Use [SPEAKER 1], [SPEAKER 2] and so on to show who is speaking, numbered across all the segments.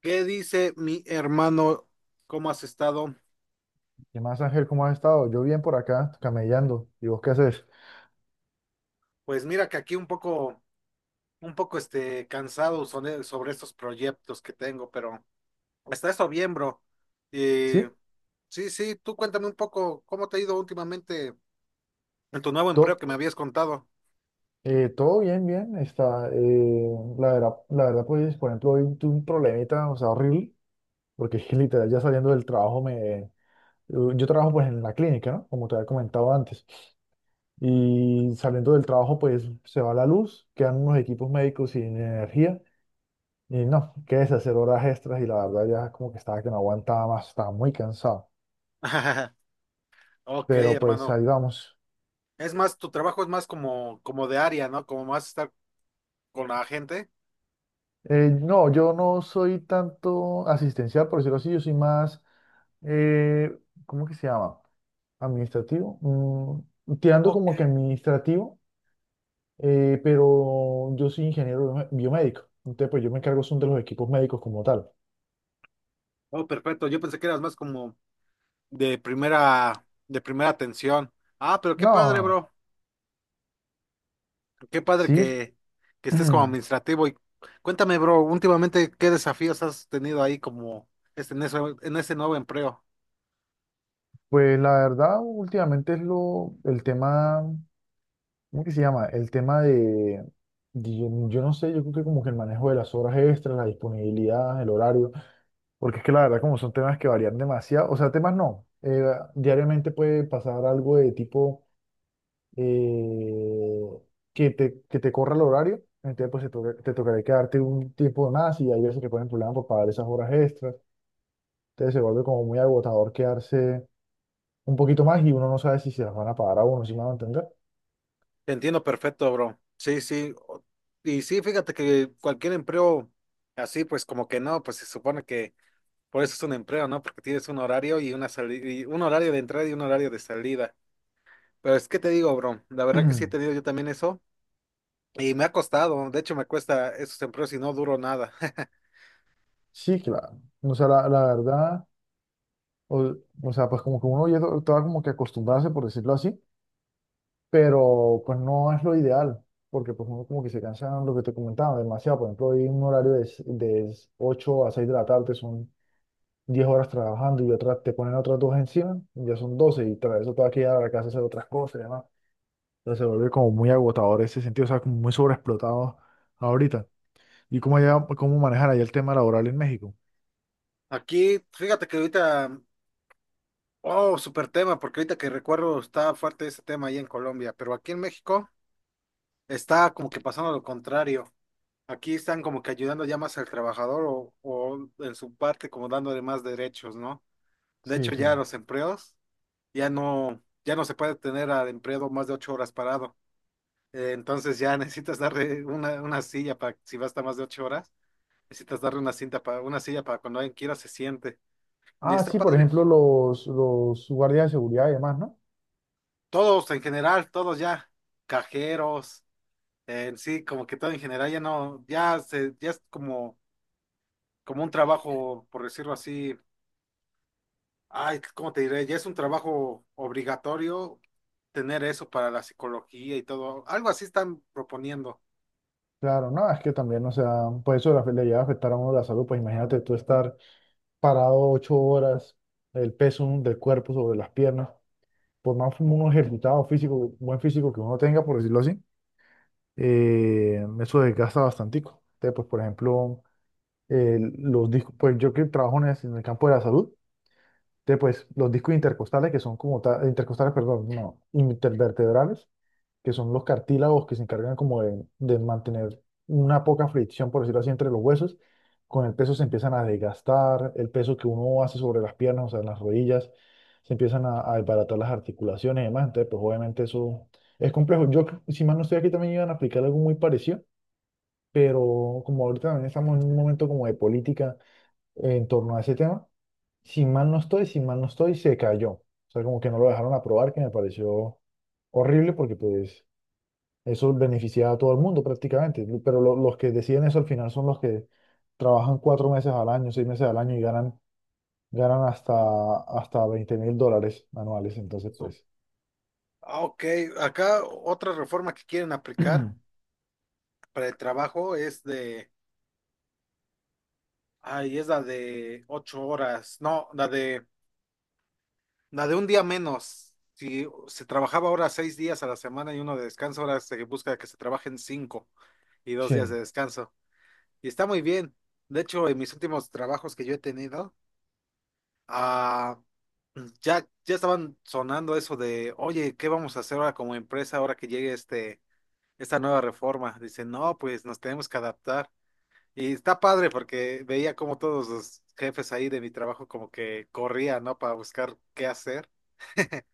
[SPEAKER 1] ¿Qué dice mi hermano? ¿Cómo has estado?
[SPEAKER 2] ¿Qué más, Ángel? ¿Cómo has estado? Yo bien por acá, camellando. ¿Y vos qué haces?
[SPEAKER 1] Pues mira que aquí un poco, cansado sobre estos proyectos que tengo, pero está eso bien, bro. Y
[SPEAKER 2] Sí,
[SPEAKER 1] sí, sí, tú cuéntame un poco cómo te ha ido últimamente en tu nuevo
[SPEAKER 2] to-
[SPEAKER 1] empleo que me habías contado.
[SPEAKER 2] todo bien, bien. Está, la verdad, pues, por ejemplo, hoy tuve un problemita, o sea, horrible, porque es que literal ya saliendo del trabajo me... Yo trabajo, pues, en la clínica, ¿no? Como te había comentado antes. Y saliendo del trabajo, pues, se va la luz, quedan unos equipos médicos sin energía. Y no, qué es hacer horas extras y la verdad ya como que estaba que no aguantaba más, estaba muy cansado.
[SPEAKER 1] Ok,
[SPEAKER 2] Pero pues ahí
[SPEAKER 1] hermano.
[SPEAKER 2] vamos.
[SPEAKER 1] Es más, tu trabajo es más como de área, ¿no? Como más estar con la gente.
[SPEAKER 2] No, yo no soy tanto asistencial, por decirlo así, yo soy más, eh, ¿cómo que se llama? Administrativo. Tirando
[SPEAKER 1] Ok.
[SPEAKER 2] como que administrativo, pero yo soy ingeniero biomédico. Entonces, pues yo me encargo son de los equipos médicos como tal.
[SPEAKER 1] Oh, perfecto. Yo pensé que eras más como de primera atención. Ah, pero qué padre,
[SPEAKER 2] No,
[SPEAKER 1] bro. Qué padre
[SPEAKER 2] sí,
[SPEAKER 1] que estés como administrativo. Y cuéntame, bro, últimamente qué desafíos has tenido ahí como este, en ese nuevo empleo.
[SPEAKER 2] pues la verdad, últimamente es el tema. ¿Cómo que se llama? El tema de yo, no sé, yo creo que como que el manejo de las horas extras, la disponibilidad, el horario, porque es que la verdad como son temas que varían demasiado, o sea, temas no, diariamente puede pasar algo de tipo eh, que que te corra el horario, entonces pues te tocará quedarte un tiempo más y hay veces que ponen problemas por pagar esas horas extras, entonces se vuelve como muy agotador quedarse un poquito más y uno no sabe si se las van a pagar a uno, si me van a entender.
[SPEAKER 1] Te entiendo perfecto, bro. Sí, sí. Y sí, fíjate que cualquier empleo así, pues como que no, pues se supone que por eso es un empleo, ¿no? Porque tienes un horario y una salida, y un horario de entrada y un horario de salida. Pero es que te digo, bro, la verdad que sí he tenido yo también eso y me ha costado, de hecho me cuesta esos empleos y no duro nada.
[SPEAKER 2] Sí, claro. O sea, la verdad, o, o sea, pues como que uno ya estaba como que acostumbrarse, por decirlo así, pero pues no es lo ideal, porque pues uno como que se cansa, lo que te comentaba, demasiado. Por ejemplo, hay un horario de 8 a 6 de la tarde, son 10 horas trabajando y otras te ponen otras dos encima, y ya son 12 y tras eso te vas a quedar a la casa a hacer otras cosas y demás. Entonces se vuelve como muy agotador ese sentido, o sea, como muy sobreexplotado ahorita. ¿Y cómo, cómo manejar ahí el tema laboral en México?
[SPEAKER 1] Aquí, fíjate que ahorita. Oh, súper tema, porque ahorita que recuerdo está fuerte ese tema ahí en Colombia, pero aquí en México está como que pasando lo contrario. Aquí están como que ayudando ya más al trabajador o en su parte como dándole más derechos, ¿no? De
[SPEAKER 2] Sí,
[SPEAKER 1] hecho,
[SPEAKER 2] sí.
[SPEAKER 1] ya los empleos ya no, ya no se puede tener al empleado más de 8 horas parado. Entonces ya necesitas darle una silla para si va a estar más de 8 horas, necesitas darle una silla para cuando alguien quiera se siente. Y
[SPEAKER 2] Ah,
[SPEAKER 1] está
[SPEAKER 2] sí, por
[SPEAKER 1] padre.
[SPEAKER 2] ejemplo, los guardias de seguridad y demás, ¿no?
[SPEAKER 1] Todos en general, todos ya, cajeros. En sí, como que todo en general ya no, ya se, ya es como un trabajo, por decirlo así, ay, ¿cómo te diré? Ya es un trabajo obligatorio tener eso para la psicología y todo. Algo así están proponiendo.
[SPEAKER 2] Claro, no, es que también, o sea, pues eso le llega a afectar a uno la salud, pues imagínate tú estar parado 8 horas, el peso del cuerpo sobre las piernas, por más uno ejercitado físico, buen físico que uno tenga, por decirlo así, eso desgasta bastantico. Entonces, pues, por ejemplo, los discos, pues yo que trabajo en el campo de la salud, entonces, pues los discos intercostales, que son como, intercostales, perdón, no, intervertebrales que son los cartílagos que se encargan como de mantener una poca fricción, por decirlo así, entre los huesos. Con el peso se empiezan a desgastar, el peso que uno hace sobre las piernas, o sea, en las rodillas, se empiezan a desbaratar las articulaciones y demás. Entonces, pues obviamente eso es complejo. Si mal no estoy aquí, también iban a aplicar algo muy parecido, pero como ahorita también estamos en un momento como de política en torno a ese tema, si mal no estoy, si mal no estoy, se cayó. O sea, como que no lo dejaron aprobar, que me pareció horrible porque pues eso beneficia a todo el mundo prácticamente, pero los que deciden eso al final son los que trabajan 4 meses al año, 6 meses al año y ganan, ganan hasta, hasta 20.000 dólares anuales. Entonces,
[SPEAKER 1] So,
[SPEAKER 2] pues,
[SPEAKER 1] ah, ok, acá otra reforma que quieren aplicar para el trabajo es de, ay, es la de 8 horas, no, la de un día menos. Si se trabajaba ahora 6 días a la semana y uno de descanso, ahora se busca que se trabajen cinco, y 2 días
[SPEAKER 2] sí.
[SPEAKER 1] de descanso. Y está muy bien. De hecho, en mis últimos trabajos que yo he tenido, ah, ya, ya estaban sonando eso de, oye, ¿qué vamos a hacer ahora como empresa ahora que llegue esta nueva reforma? Dicen, no, pues nos tenemos que adaptar. Y está padre porque veía como todos los jefes ahí de mi trabajo como que corrían, ¿no? Para buscar qué hacer.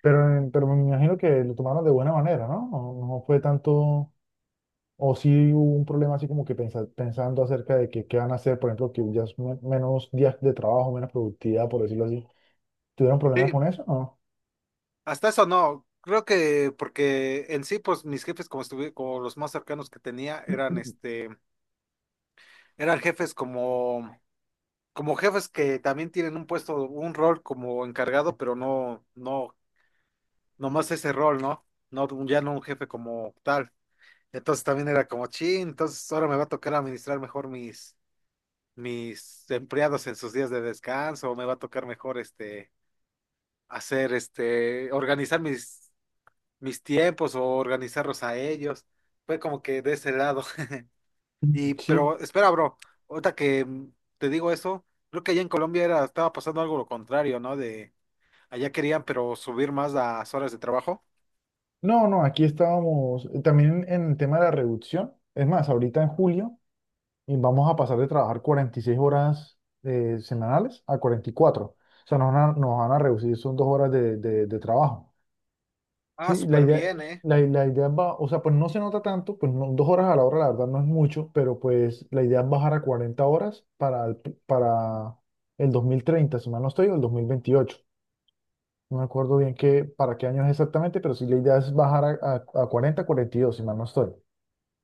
[SPEAKER 2] Pero, pero me imagino que lo tomaron de buena manera, ¿no? No, no fue tanto, o sí hubo un problema así como que pensando acerca de que qué van a hacer, por ejemplo, que ya es menos días de trabajo, menos productividad, por decirlo así. ¿Tuvieron problemas
[SPEAKER 1] Sí,
[SPEAKER 2] con eso? No.
[SPEAKER 1] hasta eso no. Creo que porque en sí, pues mis jefes como estuve, como los más cercanos que tenía eran este. Eran jefes como, como jefes que también tienen un puesto, un rol como encargado, pero no, no, nomás ese rol, ¿no? No, ya no un jefe como tal. Entonces también era como, chin, entonces ahora me va a tocar administrar mejor mis empleados en sus días de descanso, o me va a tocar mejor este, hacer este, organizar mis tiempos o organizarlos a ellos. Fue como que de ese lado. Y,
[SPEAKER 2] Sí,
[SPEAKER 1] pero espera, bro, ahorita que te digo eso, creo que allá en Colombia era, estaba pasando algo lo contrario, ¿no? De allá querían, pero subir más las horas de trabajo.
[SPEAKER 2] no, no, aquí estábamos también en el tema de la reducción. Es más, ahorita en julio vamos a pasar de trabajar 46 horas semanales a 44. O sea, nos van a reducir, son dos horas de trabajo.
[SPEAKER 1] Ah,
[SPEAKER 2] Sí, la
[SPEAKER 1] súper
[SPEAKER 2] idea,
[SPEAKER 1] bien, ¿eh?
[SPEAKER 2] la idea va, o sea, pues no se nota tanto, dos horas a la hora, la verdad no es mucho, pero pues la idea es bajar a 40 horas para el 2030. Si mal no estoy, o el 2028. No me acuerdo bien qué, para qué años exactamente, pero sí la idea es bajar a 40, 42, si mal no estoy.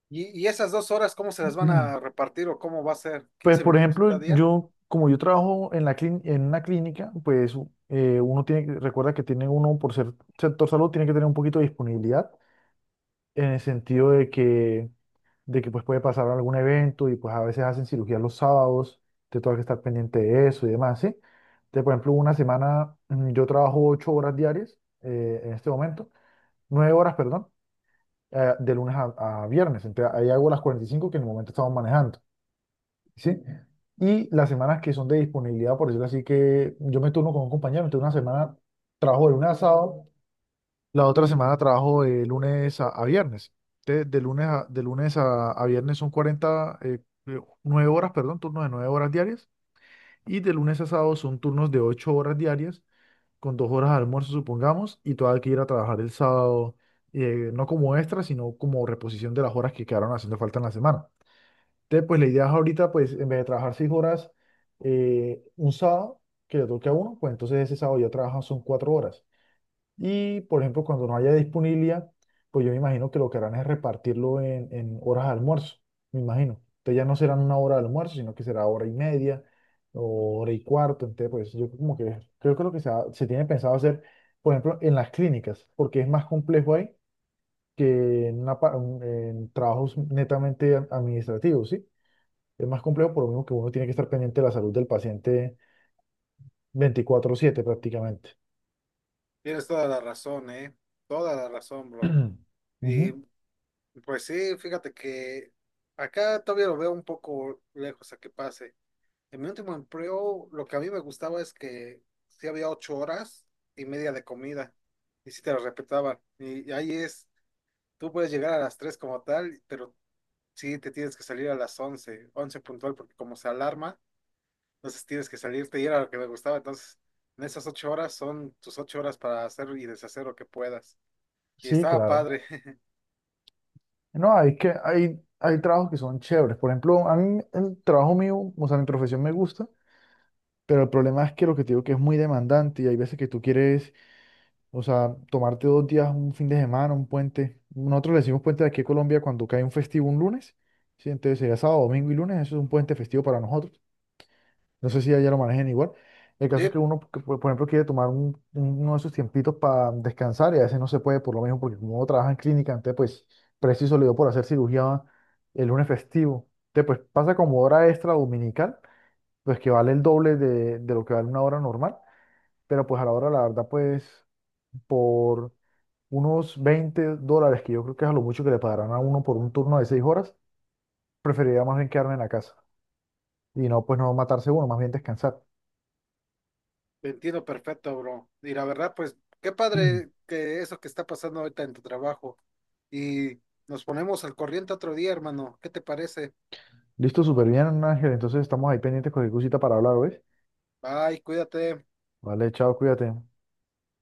[SPEAKER 1] Y esas 2 horas, cómo se las van
[SPEAKER 2] Ujú.
[SPEAKER 1] a repartir o cómo va a ser?
[SPEAKER 2] Pues,
[SPEAKER 1] quince
[SPEAKER 2] por
[SPEAKER 1] minutos cada
[SPEAKER 2] ejemplo,
[SPEAKER 1] día?
[SPEAKER 2] yo, como yo trabajo en en una clínica, pues uno tiene, recuerda que tiene uno, por ser sector salud, tiene que tener un poquito de disponibilidad en el sentido de que pues puede pasar algún evento y pues a veces hacen cirugía los sábados, te toca que estar pendiente de eso y demás, ¿sí? Entonces, por ejemplo, una semana yo trabajo 8 horas diarias en este momento, 9 horas, perdón. De lunes a viernes. Entonces ahí hago las 45 que en el momento estamos manejando, ¿sí? Y las semanas que son de disponibilidad, por decirlo así, que yo me turno con un compañero, entonces una semana trabajo de lunes a sábado, la otra semana trabajo de lunes a viernes. Entonces, de lunes a viernes son 40 9 horas, perdón, turnos de 9 horas diarias. Y de lunes a sábado son turnos de 8 horas diarias con dos horas de almuerzo, supongamos, y tú hay que ir a trabajar el sábado, no como extra, sino como reposición de las horas que quedaron haciendo falta en la semana. Entonces, pues la idea es ahorita, pues en vez de trabajar 6 horas un sábado, que le toque a uno, pues entonces ese sábado ya trabajan son 4 horas. Y, por ejemplo, cuando no haya disponibilidad, pues yo me imagino que lo que harán es repartirlo en horas de almuerzo, me imagino. Entonces ya no serán una hora de almuerzo, sino que será hora y media o hora y cuarto. Entonces, pues yo como que creo que lo que se tiene pensado hacer, por ejemplo, en las clínicas, porque es más complejo ahí que en, en trabajos netamente administrativos, ¿sí? Es más complejo por lo mismo que uno tiene que estar pendiente de la salud del paciente 24/7 prácticamente.
[SPEAKER 1] Tienes toda la razón, ¿eh? Toda la razón, bro. Y
[SPEAKER 2] Ujú.
[SPEAKER 1] pues sí, fíjate que acá todavía lo veo un poco lejos a que pase. En mi último empleo, lo que a mí me gustaba es que sí había 8 horas y media de comida, y sí te lo respetaban. Y ahí es, tú puedes llegar a las tres como tal, pero sí te tienes que salir a las once, once puntual, porque como se alarma, entonces tienes que salirte, y era lo que me gustaba. Entonces, en esas 8 horas son tus 8 horas para hacer y deshacer lo que puedas. Y
[SPEAKER 2] Sí,
[SPEAKER 1] estaba
[SPEAKER 2] claro.
[SPEAKER 1] padre.
[SPEAKER 2] No, hay trabajos que son chéveres. Por ejemplo, a mí el trabajo mío, o sea, mi profesión me gusta, pero el problema es que lo que te digo que es muy demandante y hay veces que tú quieres, o sea, tomarte dos días, un fin de semana, un puente. Nosotros le decimos puente de aquí a Colombia cuando cae un festivo un lunes, ¿sí? Entonces sería sábado, domingo y lunes, eso es un puente festivo para nosotros. No sé si allá lo manejen igual. El
[SPEAKER 1] Sí,
[SPEAKER 2] caso es que uno, que, por ejemplo, quiere tomar uno de sus tiempitos para descansar y a veces no se puede por lo mismo, porque como uno trabaja en clínica, antes pues preciso le dio por hacer cirugía el lunes festivo. Entonces pues pasa como hora extra dominical, pues que vale el doble de lo que vale una hora normal, pero pues a la hora, la verdad, pues por unos 20 dólares, que yo creo que es a lo mucho que le pagarán a uno por un turno de 6 horas, preferiría más bien quedarme en la casa y no pues no matarse uno, más bien descansar.
[SPEAKER 1] te entiendo perfecto, bro. Y la verdad, pues, qué padre que eso que está pasando ahorita en tu trabajo. Y nos ponemos al corriente otro día, hermano. ¿Qué te parece?
[SPEAKER 2] Listo, súper bien, Ángel. Entonces estamos ahí pendientes con cualquier cosita para hablar, ¿ves?
[SPEAKER 1] Bye, cuídate.
[SPEAKER 2] Vale, chao, cuídate.